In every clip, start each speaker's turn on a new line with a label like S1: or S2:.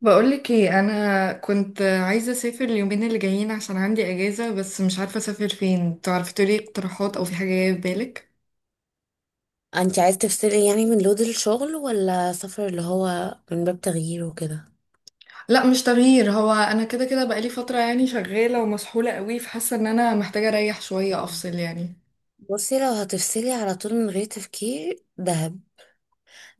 S1: بقولك ايه، انا كنت عايزه اسافر اليومين اللي جايين عشان عندي اجازه، بس مش عارفه اسافر فين. تعرفي تقولي اقتراحات او في حاجه جايه في بالك؟
S2: انت عايز تفصلي يعني من لود الشغل ولا سفر اللي هو من باب تغيير وكده؟
S1: لا مش تغيير، هو انا كده كده بقالي فتره يعني شغاله ومسحوله قوي، فحاسه ان انا محتاجه اريح شويه
S2: مم.
S1: افصل يعني.
S2: بصي، لو هتفصلي على طول من غير تفكير دهب.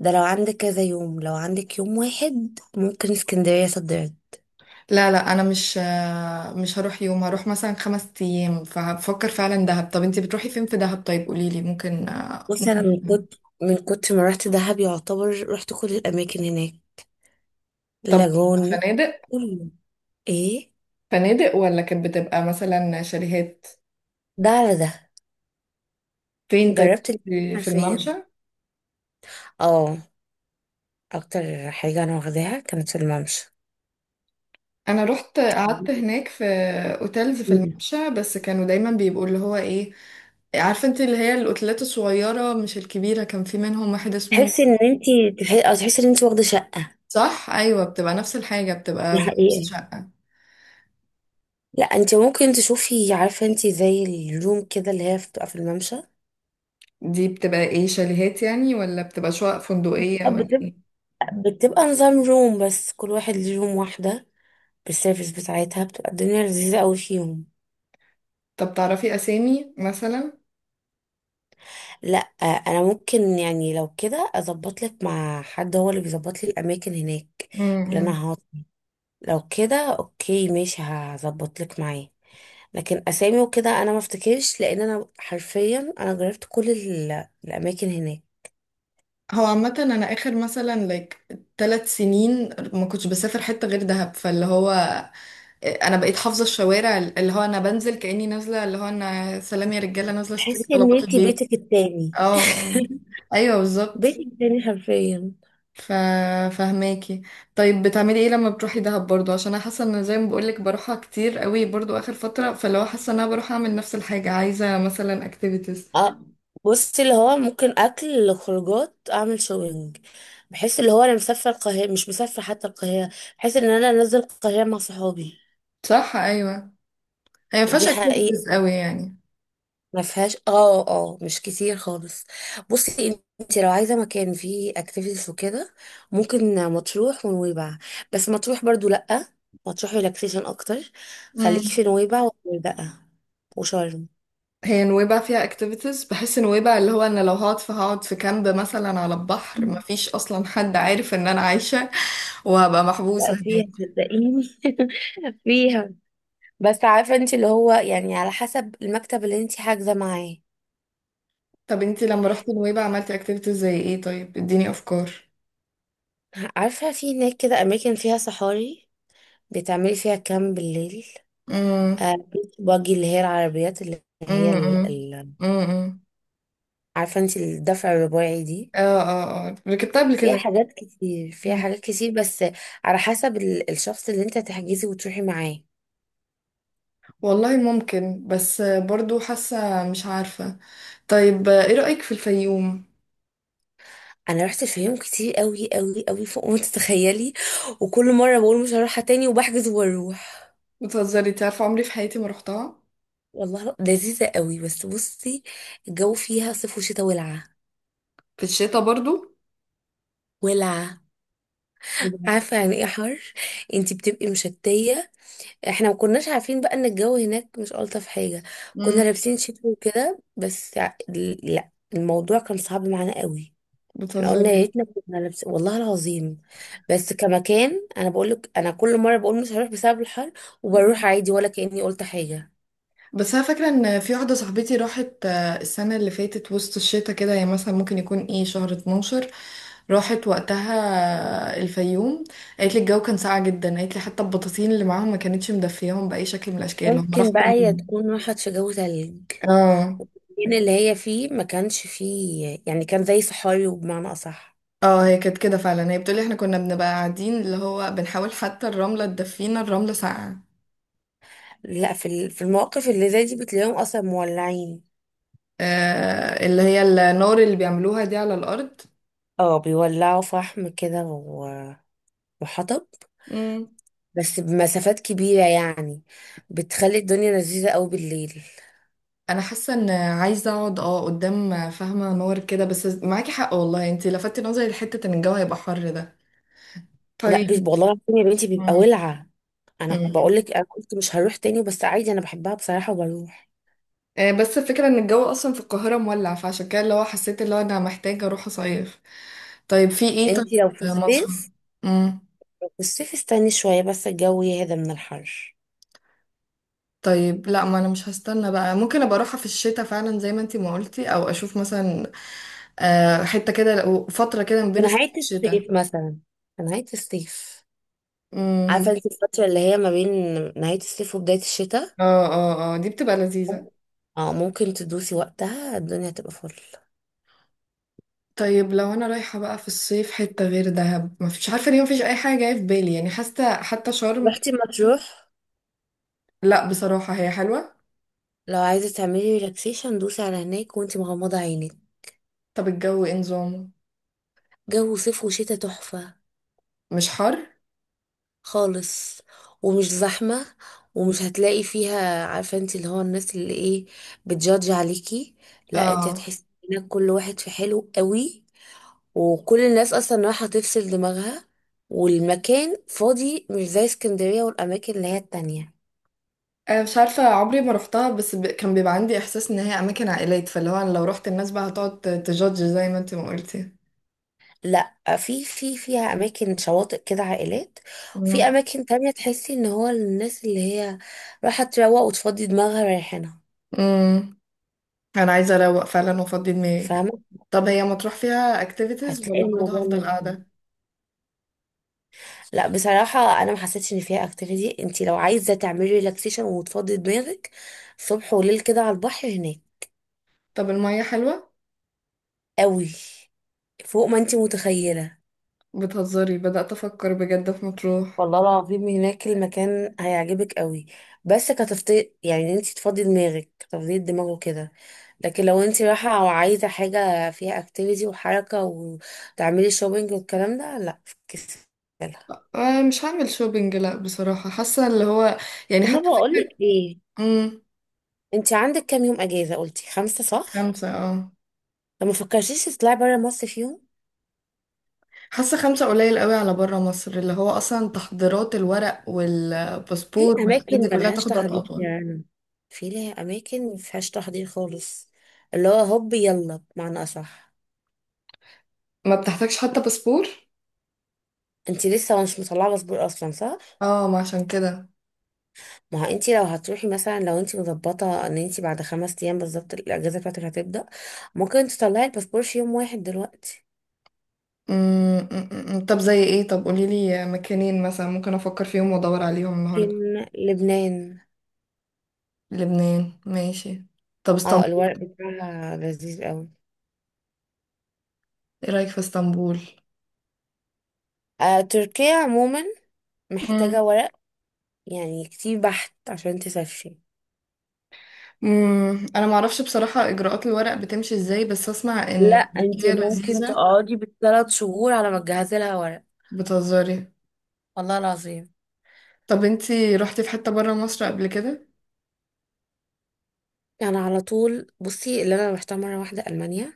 S2: ده لو عندك كذا يوم، لو عندك يوم واحد ممكن اسكندرية، صدرت.
S1: لا لا، انا مش هروح يوم، هروح مثلا 5 ايام. فبفكر فعلا دهب. طب انتي بتروحي فين في دهب؟ طيب قوليلي ممكن
S2: بصي، انا
S1: ممكن
S2: من كنت ما رحت دهب يعتبر رحت كل الاماكن هناك.
S1: طب،
S2: لاجون،
S1: فنادق؟
S2: كله، ايه،
S1: فنادق ولا كانت بتبقى مثلا شاليهات؟
S2: ده على ده،
S1: فين طيب؟
S2: جربت الاتنين
S1: في
S2: حرفيا.
S1: الممشى.
S2: اه، اكتر حاجة انا واخداها كانت في الممشى.
S1: انا رحت قعدت هناك في اوتيلز في الممشى، بس كانوا دايما بيبقوا اللي هو ايه، عارفه انت، اللي هي الاوتيلات الصغيره مش الكبيره. كان في منهم واحد اسمه،
S2: تحسي ان انت او تحسي ان انت واخده شقه.
S1: صح، ايوه، بتبقى نفس الحاجه،
S2: دي
S1: بتبقى فايبس
S2: حقيقه.
S1: شقه.
S2: لا انت ممكن تشوفي، عارفه انت زي الروم كده اللي هي بتبقى في الممشى، اه.
S1: دي بتبقى ايه، شاليهات يعني ولا بتبقى شقق فندقيه ولا
S2: بتبقى
S1: ايه؟
S2: بتبقى نظام روم، بس كل واحد ليه روم واحده بالسيرفيس بتاعتها، بتبقى الدنيا لذيذه قوي فيهم.
S1: طب تعرفي اسامي مثلا؟
S2: لا. آه، انا ممكن يعني لو كده اظبط لك مع حد هو اللي بيظبط لي الاماكن هناك اللي
S1: امم.
S2: انا هقعد. لو كده اوكي ماشي هظبط لك معاه. لكن اسامي وكده انا ما افتكرش، لان انا حرفيا انا جربت كل الاماكن هناك.
S1: هو عامه انا اخر مثلا لايك 3 سنين ما كنتش بسافر حته غير دهب، فاللي هو انا بقيت حافظه الشوارع، اللي هو انا بنزل كاني نازله، اللي هو انا سلام يا رجاله، نازله اشتري
S2: تحسي ان
S1: طلبات
S2: انتي
S1: البيت.
S2: بيتك التاني.
S1: اه. آه. ايوه
S2: بيتك
S1: بالظبط.
S2: التاني حرفيا.
S1: ف فهماكي. طيب بتعملي ايه لما بتروحي دهب برضو؟ عشان انا حاسه ان زي ما بقولك بروحها كتير قوي برضو اخر فتره، فاللي هو حاسه ان انا بروح اعمل نفس الحاجه. عايزه مثلا اكتيفيتيز.
S2: اه، بصي اللي هو ممكن اكل، خروجات، اعمل شوبينج. بحس اللي هو انا مسافره القاهره مش مسافره حتى، القاهره. بحس ان انا نازله القاهره مع صحابي.
S1: صح، ايوه. هي ما
S2: دي
S1: فيهاش
S2: حقيقه.
S1: اكتيفيتيز قوي يعني.
S2: ما فيهاش، اه اه، مش كتير خالص. بصي انت لو عايزه مكان فيه اكتيفيتيز وكده، ممكن مطروح ونويبع. بس مطروح برضو لا، مطروح ريلاكسيشن اكتر. خليكي
S1: مم.
S2: في نويبع والغردقه وشرم.
S1: هي نويبع فيها اكتيفيتيز؟ بحس نويبع اللي هو انا لو هقعد فهقعد في كامب مثلا على البحر
S2: مم.
S1: مفيش اصلا حد عارف ان انا عايشة. وهبقى محبوسة
S2: لا
S1: هناك.
S2: فيها صدقيني، فيها. بس عارفه انت اللي هو يعني، على حسب المكتب اللي انت حاجزه معاه.
S1: طب انتي لما رحتي نويبع عملتي اكتيفيتيز زي ايه؟ طيب اديني افكار.
S2: عارفه في هناك كده اماكن فيها صحاري، بتعملي فيها كامب بالليل.
S1: امم.
S2: آه، بيتش باجي، اللي هي العربيات اللي هي،
S1: امم. امم.
S2: عارفة انت، الدفع الرباعي دي.
S1: اه، اه، اه، ركبتها قبل
S2: فيها
S1: كده.
S2: حاجات كتير، فيها
S1: مم.
S2: حاجات كتير، بس على حسب الشخص اللي انت تحجزي وتروحي معاه.
S1: والله ممكن، بس برضو حاسة مش عارفة. طيب ايه رأيك في الفيوم؟
S2: انا رحت الفيوم كتير قوي قوي قوي، فوق ما تتخيلي. وكل مره بقول مش هروحها تاني وبحجز واروح.
S1: بتهزري؟ انتي عارفة عمري في حياتي ما رحتها.
S2: والله لذيذه قوي، بس بصي، الجو فيها صيف وشتاء ولعه.
S1: في الشتاء برضو؟
S2: ولعه.
S1: بجد؟
S2: عارفه يعني ايه حر؟ انت بتبقي مشتيه. احنا ما كناش عارفين بقى ان الجو هناك مش الطف حاجه. كنا
S1: مم.
S2: لابسين شتوي وكده، بس لا الموضوع كان صعب معانا قوي. احنا قلنا يا
S1: بتهزري؟
S2: ريتنا كنا لابسين، والله العظيم. بس كمكان، انا بقول لك انا كل مره بقول مش هروح بسبب الحر، وبروح عادي ولا كاني قلت حاجه.
S1: بس انا فاكره ان في واحده صاحبتي راحت السنه اللي فاتت، وسط الشتاء كده. هي مثلا ممكن يكون ايه، شهر 12. راحت وقتها الفيوم. قالت لي الجو كان ساقع جدا. قالت لي حتى البطاطين اللي معاهم ما كانتش مدفياهم باي شكل من الاشكال. هم راحوا
S2: ممكن بقى هي تكون راحت في جو تلج.
S1: اه.
S2: المكان اللي هي فيه ما كانش فيه يعني، كان زي صحاري، وبمعنى اصح.
S1: اه، هي كانت كده فعلا. هي بتقولي احنا كنا بنبقى قاعدين اللي هو بنحاول حتى الرمله تدفينا، الرمله ساقعه.
S2: لا، في في المواقف اللي زي دي بتلاقيهم اصلا مولعين.
S1: اللي هي النار اللي بيعملوها دي على الارض.
S2: اه، بيولعوا فحم كده، وحطب،
S1: مم.
S2: بس بمسافات كبيرة يعني. بتخلي الدنيا لذيذة قوي بالليل.
S1: انا حاسه ان عايزه اقعد قدام فاهمه نور كده. بس معاكي حق والله، انتي لفتي نظري لحته ان الجو هيبقى حر ده.
S2: لا
S1: طيب.
S2: والله العظيم يا بنتي بيبقى
S1: مم.
S2: ولعة. انا
S1: مم.
S2: بقول لك انا قلت مش هروح تاني، بس عادي انا بحبها بصراحة وبروح.
S1: بس الفكره ان الجو اصلا في القاهره مولع، فعشان كده اللي هو حسيت اللي هو انا محتاجه اروح اصيف. طيب في ايه طيب؟
S2: انتي لو في
S1: مصر.
S2: الصيف
S1: امم.
S2: في الصيف استني شوية بس الجو يهدى من الحر.
S1: طيب لا، ما انا مش هستنى بقى. ممكن ابقى اروحها في الشتاء فعلا زي ما انتي ما قلتي، او اشوف مثلا، حته كده فتره كده ما
S2: في
S1: بين الصيف
S2: نهاية
S1: والشتاء.
S2: الصيف مثلا، في نهاية الصيف. عارفة
S1: امم.
S2: انتي الفترة اللي هي ما بين نهاية الصيف وبداية الشتاء؟
S1: اه، اه، اه، دي بتبقى لذيذه.
S2: اه ممكن تدوسي وقتها، الدنيا تبقى فل.
S1: طيب لو انا رايحه بقى في الصيف حته غير دهب، مفيش عارفه ليه مفيش اي حاجه جايه في بالي يعني. حاسه حتى شرم.
S2: رحتي مطروح؟
S1: لا بصراحه هي حلوه.
S2: لو عايزة تعملي ريلاكسيشن دوسي على هناك وانتي مغمضة عينك.
S1: طب الجو ايه نظامه؟
S2: جو صيف وشتا تحفة.
S1: مش حر؟
S2: خالص، ومش زحمة، ومش هتلاقي فيها، عارفة انتي اللي هو الناس اللي ايه، بتجادج عليكي. لا انتي
S1: اه.
S2: هتحسي انك، كل واحد في حلو قوي، وكل الناس اصلا رايحة تفصل دماغها. والمكان فاضي، مش زي اسكندرية والاماكن اللي هي التانية.
S1: انا مش عارفه عمري ما روحتها، بس كان بيبقى عندي احساس ان هي اماكن عائلات، فاللي هو أنا لو روحت الناس بقى هتقعد تجادج زي ما انت ما قلتي.
S2: لا في فيها اماكن شواطئ كده عائلات.
S1: مم.
S2: وفي اماكن تانية تحسي ان هو الناس اللي هي رايحة تروق وتفضي دماغها رايحينها.
S1: مم. انا عايزه اروق فعلا وافضي دماغي.
S2: فاهمة.
S1: طب هي مطروح فيها اكتيفيتيز
S2: هتلاقي
S1: ولا برضه
S2: الموضوع
S1: هفضل
S2: لذيذ.
S1: قاعده؟
S2: لا بصراحة انا ما حسيتش ان فيها اكتيفيتي، انت لو عايزة تعملي ريلاكسيشن وتفضي دماغك، صبح وليل كده على البحر هناك.
S1: طب الميه حلوه؟
S2: قوي، فوق ما انت متخيلة.
S1: بتهزري؟ بدات افكر بجد في مطروح.
S2: والله العظيم هناك المكان هيعجبك قوي، بس كتفضيل يعني انت تفضي دماغك، تفضي الدماغ وكده. لكن لو انت رايحة او عايزة حاجة فيها اكتيفيتي وحركة وتعملي شوبينج والكلام ده، لا فكسلها.
S1: مش هعمل شوبينج لا بصراحة، حاسة اللي هو يعني
S2: طب ما
S1: حتى
S2: بقولك
S1: فكرة.
S2: ايه،
S1: امم.
S2: انت عندك كام يوم اجازة؟ قلتي 5 صح؟
S1: خمسة اه.
S2: طب ما فكرتيش تطلعي برا مصر فيهم؟
S1: حاسة خمسة قليل قوي على برا مصر، اللي هو أصلا تحضيرات الورق
S2: في
S1: والباسبور والحاجات
S2: اماكن
S1: دي كلها
S2: ملهاش
S1: تاخد وقت
S2: تحضير
S1: أطول.
S2: يعني. في ليها اماكن مفيهاش تحضير خالص. اللي هو هوب يلا بمعنى اصح.
S1: ما بتحتاجش حتى باسبور؟
S2: انت لسه مش مطلعه باسبور اصلا صح؟
S1: اه، ما عشان كده.
S2: ما هو انت لو هتروحي مثلا، لو انت مظبطه ان انت بعد 5 ايام بالظبط الاجازه بتاعتك هتبدا، ممكن تطلعي الباسبور في يوم واحد دلوقتي.
S1: أمم، أمم، أمم. طب زي ايه طب، قوليلي مكانين مثلا ممكن أفكر فيهم وأدور عليهم النهاردة.
S2: لكن لبنان.
S1: لبنان ماشي. طب
S2: اه
S1: اسطنبول؟
S2: الورق بتاعها لذيذ قوي.
S1: ايه رأيك في اسطنبول؟
S2: آه تركيا عموما، محتاجه ورق يعني كتير بحت عشان تسافري.
S1: امم، انا ما اعرفش بصراحة اجراءات الورق بتمشي ازاي، بس اسمع
S2: لا
S1: ان
S2: انت
S1: تركيا
S2: ممكن
S1: لذيذة.
S2: تقعدي بال 3 شهور على ما تجهزي لها ورق.
S1: بتهزري؟
S2: والله العظيم.
S1: طب انتي رحتي في حتة برا مصر قبل كده؟
S2: انا على طول، بصي، اللي انا رحتها مره واحده المانيا.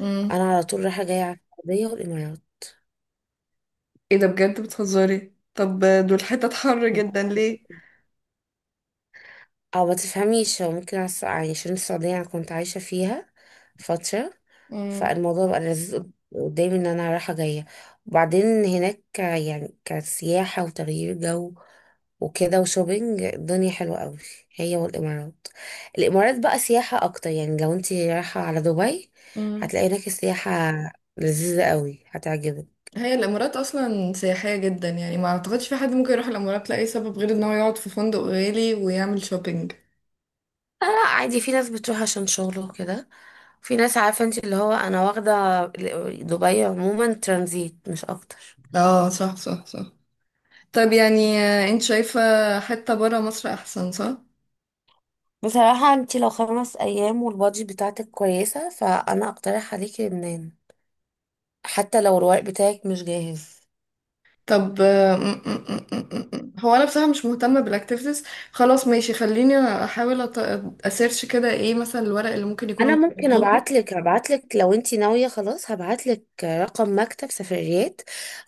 S1: امم.
S2: انا على طول رايحه جايه على السعوديه والامارات.
S1: ايه ده بجد؟ بتهزري؟ طب دول حتت حر جدا ليه؟
S2: او ما تفهميش، هو ممكن يعني عشان السعودية انا كنت عايشة فيها فترة.
S1: امم.
S2: فالموضوع بقى لذيذ قدامي ان انا رايحة جاية، وبعدين هناك يعني كسياحة وتغيير جو وكده وشوبينج، الدنيا حلوة قوي، هي والامارات. الامارات بقى سياحة اكتر، يعني لو انت رايحة على دبي
S1: امم.
S2: هتلاقي هناك السياحة لذيذة قوي، هتعجبك.
S1: هي الامارات اصلا سياحية جدا، يعني ما اعتقدش في حد ممكن يروح الامارات لاي سبب غير ان هو يقعد في فندق غالي ويعمل شوبينج.
S2: لا لا، عادي في ناس بتروح عشان شغله وكده. في ناس، عارفة انت اللي هو، انا واخدة دبي عموما ترانزيت مش اكتر.
S1: اه، صح، صح، صح. طب يعني انت شايفة حتة برا مصر احسن صح؟
S2: بصراحة انت لو 5 ايام والبادجت بتاعتك كويسة، فانا اقترح عليكي لبنان، حتى لو الورق بتاعك مش جاهز.
S1: طب آه، م- م- م- م- م. هو انا بصراحه مش مهتمه بالاكتيفيتيز. خلاص ماشي، خليني احاول اسيرش كده ايه مثلا الورق اللي ممكن يكونوا
S2: انا ممكن
S1: محتاجينه.
S2: ابعتلك لو انت ناوية خلاص، هبعتلك رقم مكتب سفريات،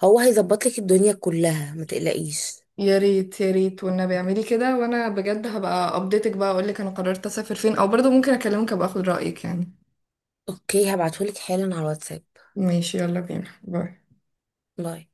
S2: هو هيظبطلك الدنيا كلها ما تقلقيش.
S1: يا ريت يا ريت والنبي اعملي كده، وانا بجد هبقى ابديتك بقى اقول لك انا قررت اسافر فين، او برضه ممكن اكلمك ابقى اخد رايك يعني.
S2: اوكي هبعتهولك حالا على الواتساب.
S1: ماشي، يلا بينا، باي.
S2: باي.